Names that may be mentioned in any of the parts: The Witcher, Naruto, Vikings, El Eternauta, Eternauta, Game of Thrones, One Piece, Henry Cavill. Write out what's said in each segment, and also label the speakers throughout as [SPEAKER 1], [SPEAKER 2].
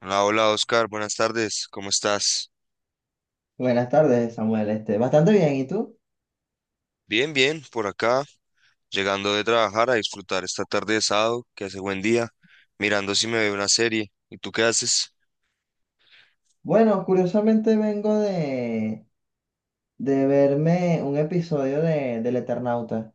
[SPEAKER 1] Hola, hola Oscar, buenas tardes, ¿cómo estás?
[SPEAKER 2] Buenas tardes, Samuel. Bastante bien, ¿y tú?
[SPEAKER 1] Bien, bien, por acá, llegando de trabajar a disfrutar esta tarde de sábado, que hace buen día, mirando si me veo una serie. ¿Y tú qué haces?
[SPEAKER 2] Bueno, curiosamente vengo de verme un episodio del Eternauta.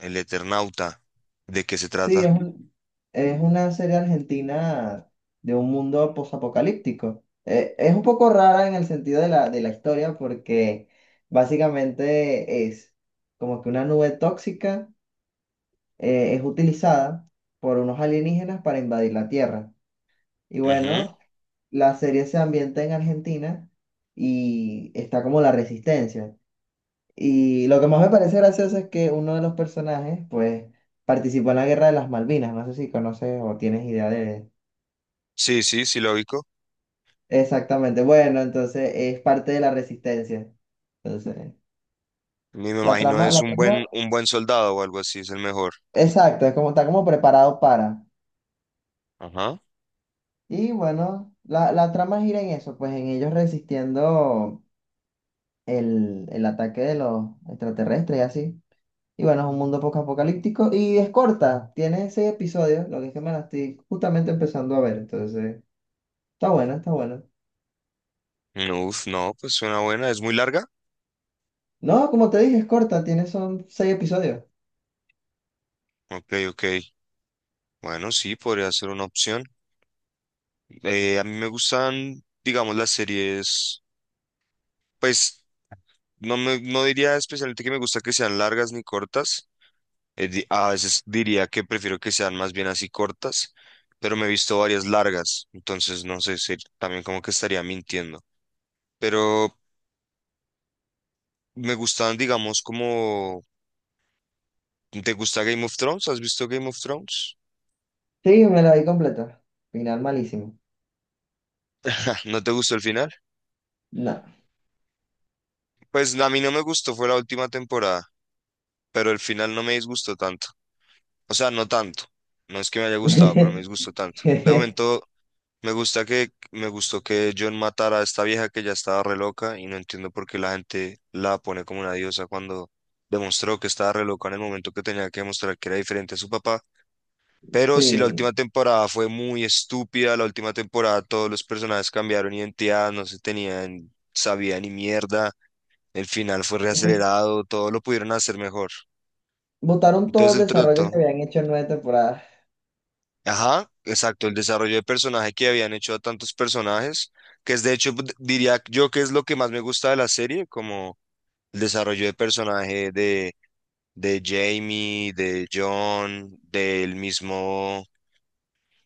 [SPEAKER 1] El Eternauta, ¿de qué se
[SPEAKER 2] Sí,
[SPEAKER 1] trata?
[SPEAKER 2] es una serie argentina de un mundo posapocalíptico. Es un poco rara en el sentido de de la historia porque básicamente es como que una nube tóxica es utilizada por unos alienígenas para invadir la Tierra. Y
[SPEAKER 1] Ujú.
[SPEAKER 2] bueno, la serie se ambienta en Argentina y está como la resistencia. Y lo que más me parece gracioso es que uno de los personajes, pues, participó en la Guerra de las Malvinas. No sé si conoces o tienes idea de...
[SPEAKER 1] Sí, sí, sí, lógico.
[SPEAKER 2] Exactamente. Bueno, entonces es parte de la resistencia. Entonces,
[SPEAKER 1] Ni me imagino, es
[SPEAKER 2] la trama,
[SPEAKER 1] un buen soldado o algo así, es el mejor.
[SPEAKER 2] exacto, es como está como preparado para.
[SPEAKER 1] Ajá.
[SPEAKER 2] Y bueno, la trama gira en eso, pues en ellos resistiendo el ataque de los extraterrestres y así. Y bueno, es un mundo poco apocalíptico y es corta, tiene 6 episodios, lo que es que me la estoy justamente empezando a ver, entonces está buena.
[SPEAKER 1] No, uf, no, pues suena buena, es muy larga.
[SPEAKER 2] No, como te dije, es corta, tiene son 6 episodios.
[SPEAKER 1] Ok, ok. Bueno, sí, podría ser una opción. A mí me gustan, digamos, las series, pues no, me, no diría especialmente que me gusta que sean largas ni cortas. A veces diría que prefiero que sean más bien así cortas, pero me he visto varias largas, entonces no sé si también como que estaría mintiendo. Pero me gustan, digamos, como... ¿Te gusta Game of Thrones? ¿Has visto Game of Thrones?
[SPEAKER 2] Sí, me la vi completa. Final malísimo.
[SPEAKER 1] ¿No te gustó el final?
[SPEAKER 2] No.
[SPEAKER 1] Pues a mí no me gustó, fue la última temporada, pero el final no me disgustó tanto. O sea, no tanto. No es que me haya gustado, pero me disgustó tanto. De momento... Me gusta que, me gustó que John matara a esta vieja que ya estaba re loca y no entiendo por qué la gente la pone como una diosa cuando demostró que estaba re loca en el momento que tenía que demostrar que era diferente a su papá. Pero si la
[SPEAKER 2] Sí.
[SPEAKER 1] última temporada fue muy estúpida, la última temporada todos los personajes cambiaron identidad, no se tenían, sabía ni mierda, el final fue reacelerado, todo lo pudieron hacer mejor.
[SPEAKER 2] Botaron todo el
[SPEAKER 1] Entonces, entre
[SPEAKER 2] desarrollo que
[SPEAKER 1] todo,
[SPEAKER 2] habían hecho en 9 temporadas.
[SPEAKER 1] ajá, exacto, el desarrollo de personaje que habían hecho a tantos personajes, que es de hecho, diría yo que es lo que más me gusta de la serie, como el desarrollo de personaje de Jamie, de John, del mismo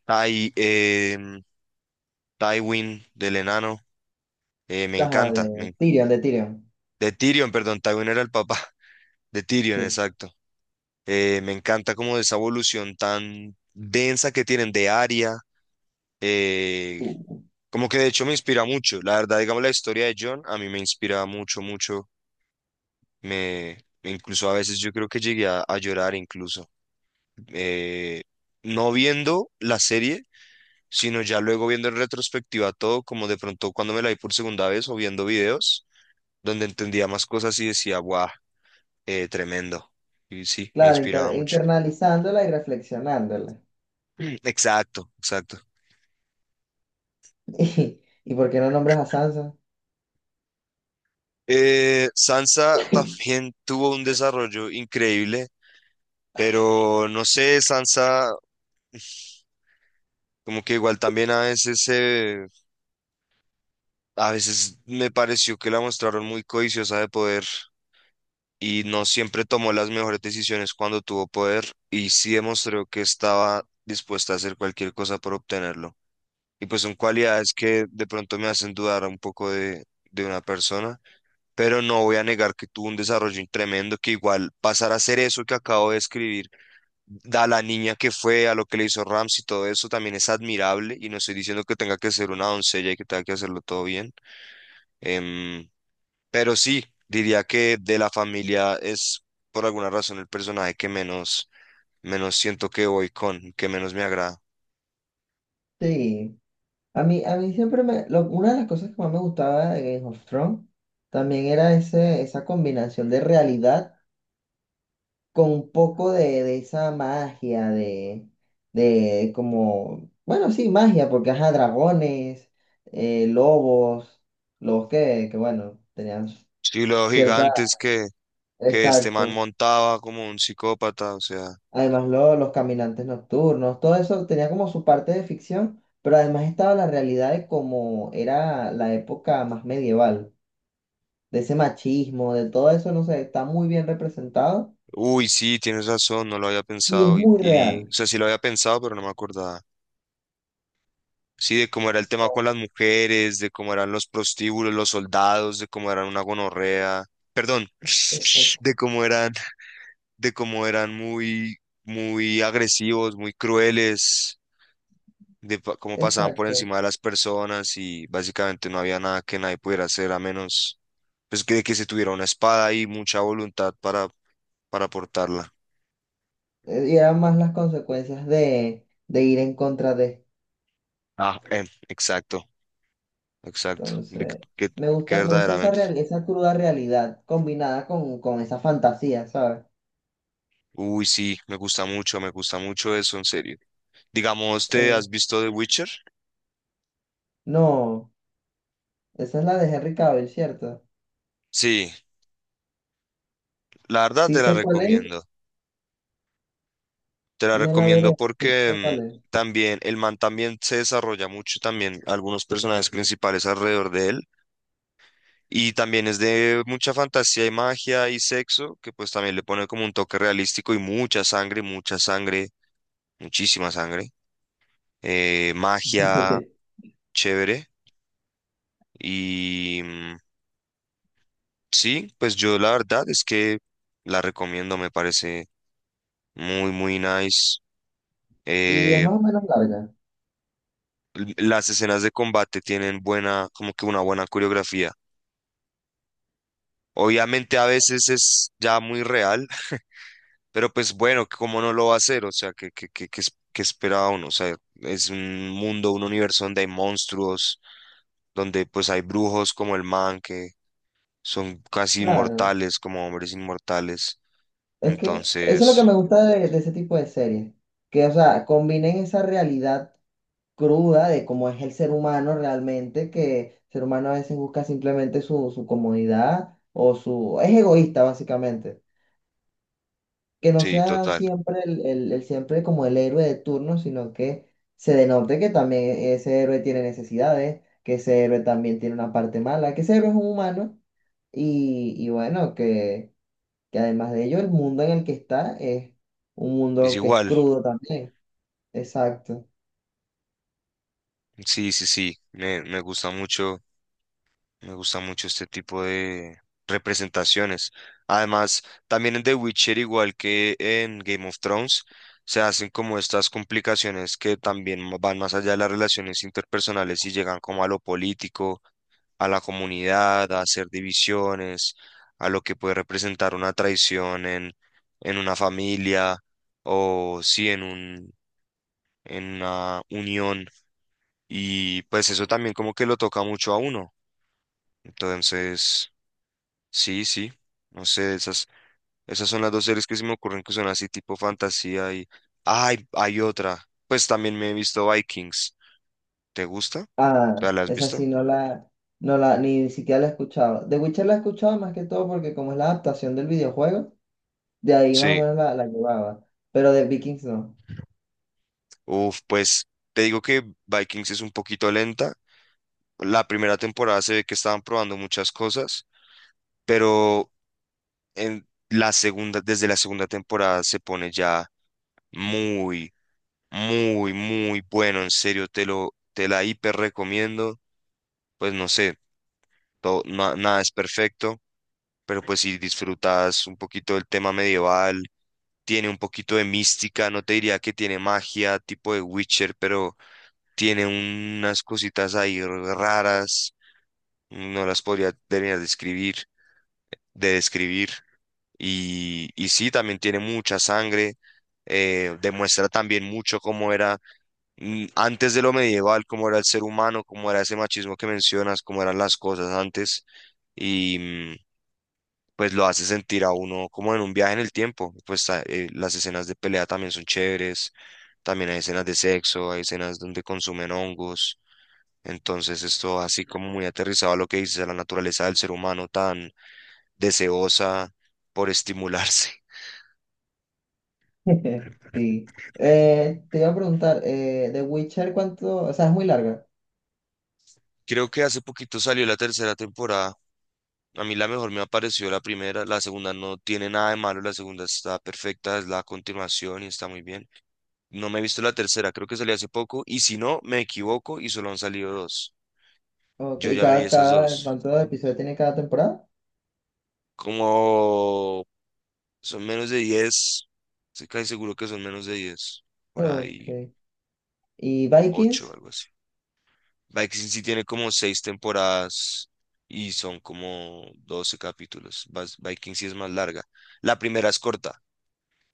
[SPEAKER 1] Ty, Tywin, del enano, me
[SPEAKER 2] Ajá,
[SPEAKER 1] encanta, me-
[SPEAKER 2] De Tyrion.
[SPEAKER 1] de Tyrion, perdón, Tywin era el papá, de Tyrion,
[SPEAKER 2] Sí.
[SPEAKER 1] exacto. Me encanta como esa evolución tan densa que tienen de Arya, eh,
[SPEAKER 2] Uh,
[SPEAKER 1] como que de hecho me inspira mucho. La verdad, digamos, la historia de John a mí me inspira mucho, mucho. Me incluso a veces yo creo que llegué a llorar incluso. Eh, no viendo la serie, sino ya luego viendo en retrospectiva todo, como de pronto cuando me la vi por segunda vez o viendo videos donde entendía más cosas y decía, guau, tremendo. Y sí, me
[SPEAKER 2] claro,
[SPEAKER 1] inspiraba mucho.
[SPEAKER 2] internalizándola y reflexionándola.
[SPEAKER 1] Mm. Exacto, exacto.
[SPEAKER 2] ¿Y por qué no nombres a Sansa?
[SPEAKER 1] Sansa también tuvo un desarrollo increíble, pero no sé, Sansa, como que igual también a veces se, a veces me pareció que la mostraron muy codiciosa de poder y no siempre tomó las mejores decisiones cuando tuvo poder y sí demostró que estaba dispuesta a hacer cualquier cosa por obtenerlo. Y pues son cualidades que de pronto me hacen dudar un poco de una persona, pero no voy a negar que tuvo un desarrollo tremendo, que igual pasar a hacer eso que acabo de escribir da la niña que fue, a lo que le hizo Rams y todo eso también es admirable y no estoy diciendo que tenga que ser una doncella y que tenga que hacerlo todo bien, em, pero sí, diría que de la familia es por alguna razón el personaje que menos, menos siento que voy con, que menos me agrada.
[SPEAKER 2] Sí. A mí siempre me... una de las cosas que más me gustaba de Game of Thrones también era esa combinación de realidad con un poco de esa magia, de como... Bueno, sí, magia, porque ajá, dragones, lobos, bueno, tenían
[SPEAKER 1] Sí, los
[SPEAKER 2] cierta...
[SPEAKER 1] gigantes que este man
[SPEAKER 2] Exacto.
[SPEAKER 1] montaba como un psicópata, o sea,
[SPEAKER 2] Además, los caminantes nocturnos, todo eso tenía como su parte de ficción, pero además estaba la realidad de cómo era la época más medieval, de ese machismo, de todo eso, no sé, está muy bien representado
[SPEAKER 1] uy, sí, tienes razón, no lo había
[SPEAKER 2] y es
[SPEAKER 1] pensado
[SPEAKER 2] muy
[SPEAKER 1] y o
[SPEAKER 2] real.
[SPEAKER 1] sea, sí lo había pensado, pero no me acordaba. Sí, de cómo era el tema con las mujeres, de cómo eran los prostíbulos, los soldados, de cómo eran una gonorrea, perdón,
[SPEAKER 2] Exacto.
[SPEAKER 1] de cómo eran, de cómo eran muy, muy agresivos, muy crueles, de cómo pasaban por
[SPEAKER 2] Exacto.
[SPEAKER 1] encima de las personas y básicamente no había nada que nadie pudiera hacer a menos pues que se tuviera una espada y mucha voluntad para portarla.
[SPEAKER 2] Y eran más las consecuencias de ir en contra de.
[SPEAKER 1] Ah, exacto, exacto, de
[SPEAKER 2] Entonces,
[SPEAKER 1] que
[SPEAKER 2] me gusta esa
[SPEAKER 1] verdaderamente.
[SPEAKER 2] real, esa cruda realidad combinada con esa fantasía, ¿sabes?
[SPEAKER 1] Uy, sí, me gusta mucho eso, en serio. Digamos, ¿te
[SPEAKER 2] Eh,
[SPEAKER 1] has visto The Witcher?
[SPEAKER 2] no, esa es la de Henry Cavill, ¿cierto?
[SPEAKER 1] Sí, la verdad
[SPEAKER 2] Si
[SPEAKER 1] te la
[SPEAKER 2] sé cuál es,
[SPEAKER 1] recomiendo. Te la
[SPEAKER 2] me la
[SPEAKER 1] recomiendo
[SPEAKER 2] veré. Sí sé cuál
[SPEAKER 1] porque
[SPEAKER 2] es.
[SPEAKER 1] mm, también el man también se desarrolla mucho, también algunos personajes principales alrededor de él. Y también es de mucha fantasía y magia y sexo, que pues también le pone como un toque realístico y mucha sangre, muchísima sangre. Magia, chévere. Y, mm, Sí, pues yo la verdad es que la recomiendo, me parece muy, muy nice.
[SPEAKER 2] Y es
[SPEAKER 1] Eh,
[SPEAKER 2] más o menos larga.
[SPEAKER 1] las escenas de combate tienen buena, como que una buena coreografía. Obviamente a veces es ya muy real, pero pues bueno, ¿cómo no lo va a hacer? O sea, ¿qué, es- qué esperaba uno? O sea, es un mundo, un universo donde hay monstruos, donde pues hay brujos como el man, que son casi
[SPEAKER 2] Claro.
[SPEAKER 1] inmortales, como hombres inmortales.
[SPEAKER 2] Es que eso es lo que
[SPEAKER 1] Entonces,
[SPEAKER 2] me gusta de ese tipo de series, que, o sea, combinen esa realidad cruda de cómo es el ser humano realmente, que el ser humano a veces busca simplemente su comodidad o su... es egoísta básicamente, que no
[SPEAKER 1] sí,
[SPEAKER 2] sea
[SPEAKER 1] total.
[SPEAKER 2] siempre el siempre como el héroe de turno, sino que se denote que también ese héroe tiene necesidades, que ese héroe también tiene una parte mala, que ese héroe es un humano. Y bueno, que además de ello el mundo en el que está es un
[SPEAKER 1] Es
[SPEAKER 2] mundo que es
[SPEAKER 1] igual.
[SPEAKER 2] crudo también. Exacto.
[SPEAKER 1] Sí, sí, sí, me, me gusta mucho este tipo de representaciones. Además, también en The Witcher, igual que en Game of Thrones, se hacen como estas complicaciones que también van más allá de las relaciones interpersonales y llegan como a lo político, a la comunidad, a hacer divisiones, a lo que puede representar una traición en una familia o sí en un, en una unión y pues eso también como que lo toca mucho a uno. Entonces, sí, sí. No sé, esas, esas son las dos series que se me ocurren que son así tipo fantasía y... Ay, hay otra. Pues también me he visto Vikings. ¿Te gusta?
[SPEAKER 2] Ah,
[SPEAKER 1] ¿Te la has
[SPEAKER 2] esa
[SPEAKER 1] visto?
[SPEAKER 2] sí no la, ni siquiera la he escuchado. The Witcher la he escuchado más que todo porque como es la adaptación del videojuego, de ahí más o
[SPEAKER 1] Sí.
[SPEAKER 2] menos la llevaba, pero de Vikings no.
[SPEAKER 1] Uf, pues te digo que Vikings es un poquito lenta. La primera temporada se ve que estaban probando muchas cosas, pero en la segunda, desde la segunda temporada se pone ya muy muy, muy bueno, en serio, te lo, te la hiper recomiendo. Pues no sé, todo, nada es perfecto, pero pues si disfrutas un poquito del tema medieval, tiene un poquito de mística, no te diría que tiene magia, tipo de Witcher, pero tiene unas cositas ahí raras, no las podría terminar de describir de describir. Y sí, también tiene mucha sangre, demuestra también mucho cómo era mm, antes de lo medieval, cómo era el ser humano, cómo era ese machismo que mencionas, cómo eran las cosas antes, y mm, pues lo hace sentir a uno como en un viaje en el tiempo. Pues las escenas de pelea también son chéveres, también hay escenas de sexo, hay escenas donde consumen hongos. Entonces esto así como muy aterrizado a lo que dices, a la naturaleza del ser humano tan deseosa por estimularse.
[SPEAKER 2] Sí. Te iba a preguntar, The Witcher cuánto, o sea, es muy larga.
[SPEAKER 1] Creo que hace poquito salió la tercera temporada. A mí la mejor me apareció la primera, la segunda no tiene nada de malo, la segunda está perfecta, es la continuación y está muy bien. No me he visto la tercera, creo que salió hace poco y si no, me equivoco y solo han salido dos. Yo
[SPEAKER 2] Okay. ¿Y
[SPEAKER 1] ya me vi esas dos.
[SPEAKER 2] cuántos episodios tiene cada temporada?
[SPEAKER 1] Como son menos de 10, estoy casi seguro que son menos de 10, por ahí
[SPEAKER 2] Ok. ¿Y
[SPEAKER 1] 8 o
[SPEAKER 2] Vikings?
[SPEAKER 1] algo así. Vikings sí tiene como 6 temporadas y son como 12 capítulos. Vikings sí es más larga. La primera es corta.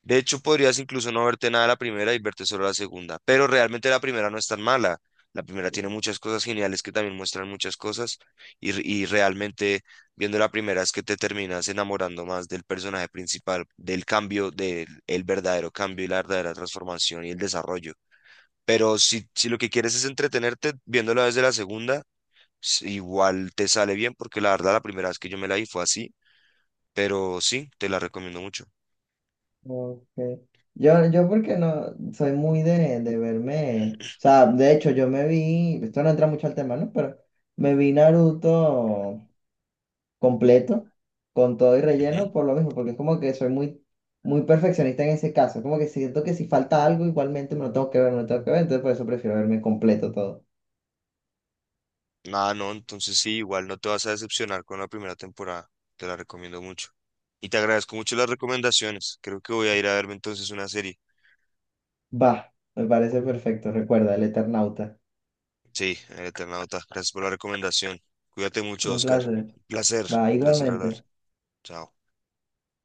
[SPEAKER 1] De hecho, podrías incluso no verte nada la primera y verte solo la segunda, pero realmente la primera no es tan mala. La primera tiene muchas cosas geniales que también muestran muchas cosas y, y realmente viendo la primera es que te terminas enamorando más del personaje principal, del cambio, del el verdadero cambio y la verdadera transformación y el desarrollo. Pero si, si lo que quieres es entretenerte viéndola desde la segunda, igual te sale bien porque la verdad la primera vez que yo me la vi fue así, pero sí, te la recomiendo mucho.
[SPEAKER 2] Ok. Yo porque no soy muy de verme, o sea, de hecho yo me vi, esto no entra mucho al tema, ¿no? Pero me vi Naruto completo, con todo y relleno,
[SPEAKER 1] Ujú.
[SPEAKER 2] por lo mismo, porque es como que soy muy, muy perfeccionista en ese caso, como que siento que si falta algo, igualmente me lo tengo que ver, me lo tengo que ver, entonces por eso prefiero verme completo todo.
[SPEAKER 1] Ah, no, entonces sí, igual no te vas a decepcionar con la primera temporada. Te la recomiendo mucho. Y te agradezco mucho las recomendaciones. Creo que voy a ir a verme entonces una serie.
[SPEAKER 2] Va, me parece perfecto, recuerda, el Eternauta.
[SPEAKER 1] Sí, El Eternauta. Gracias por la recomendación. Cuídate mucho,
[SPEAKER 2] Un
[SPEAKER 1] Oscar.
[SPEAKER 2] placer. Va,
[SPEAKER 1] Un placer hablar.
[SPEAKER 2] igualmente.
[SPEAKER 1] Chao.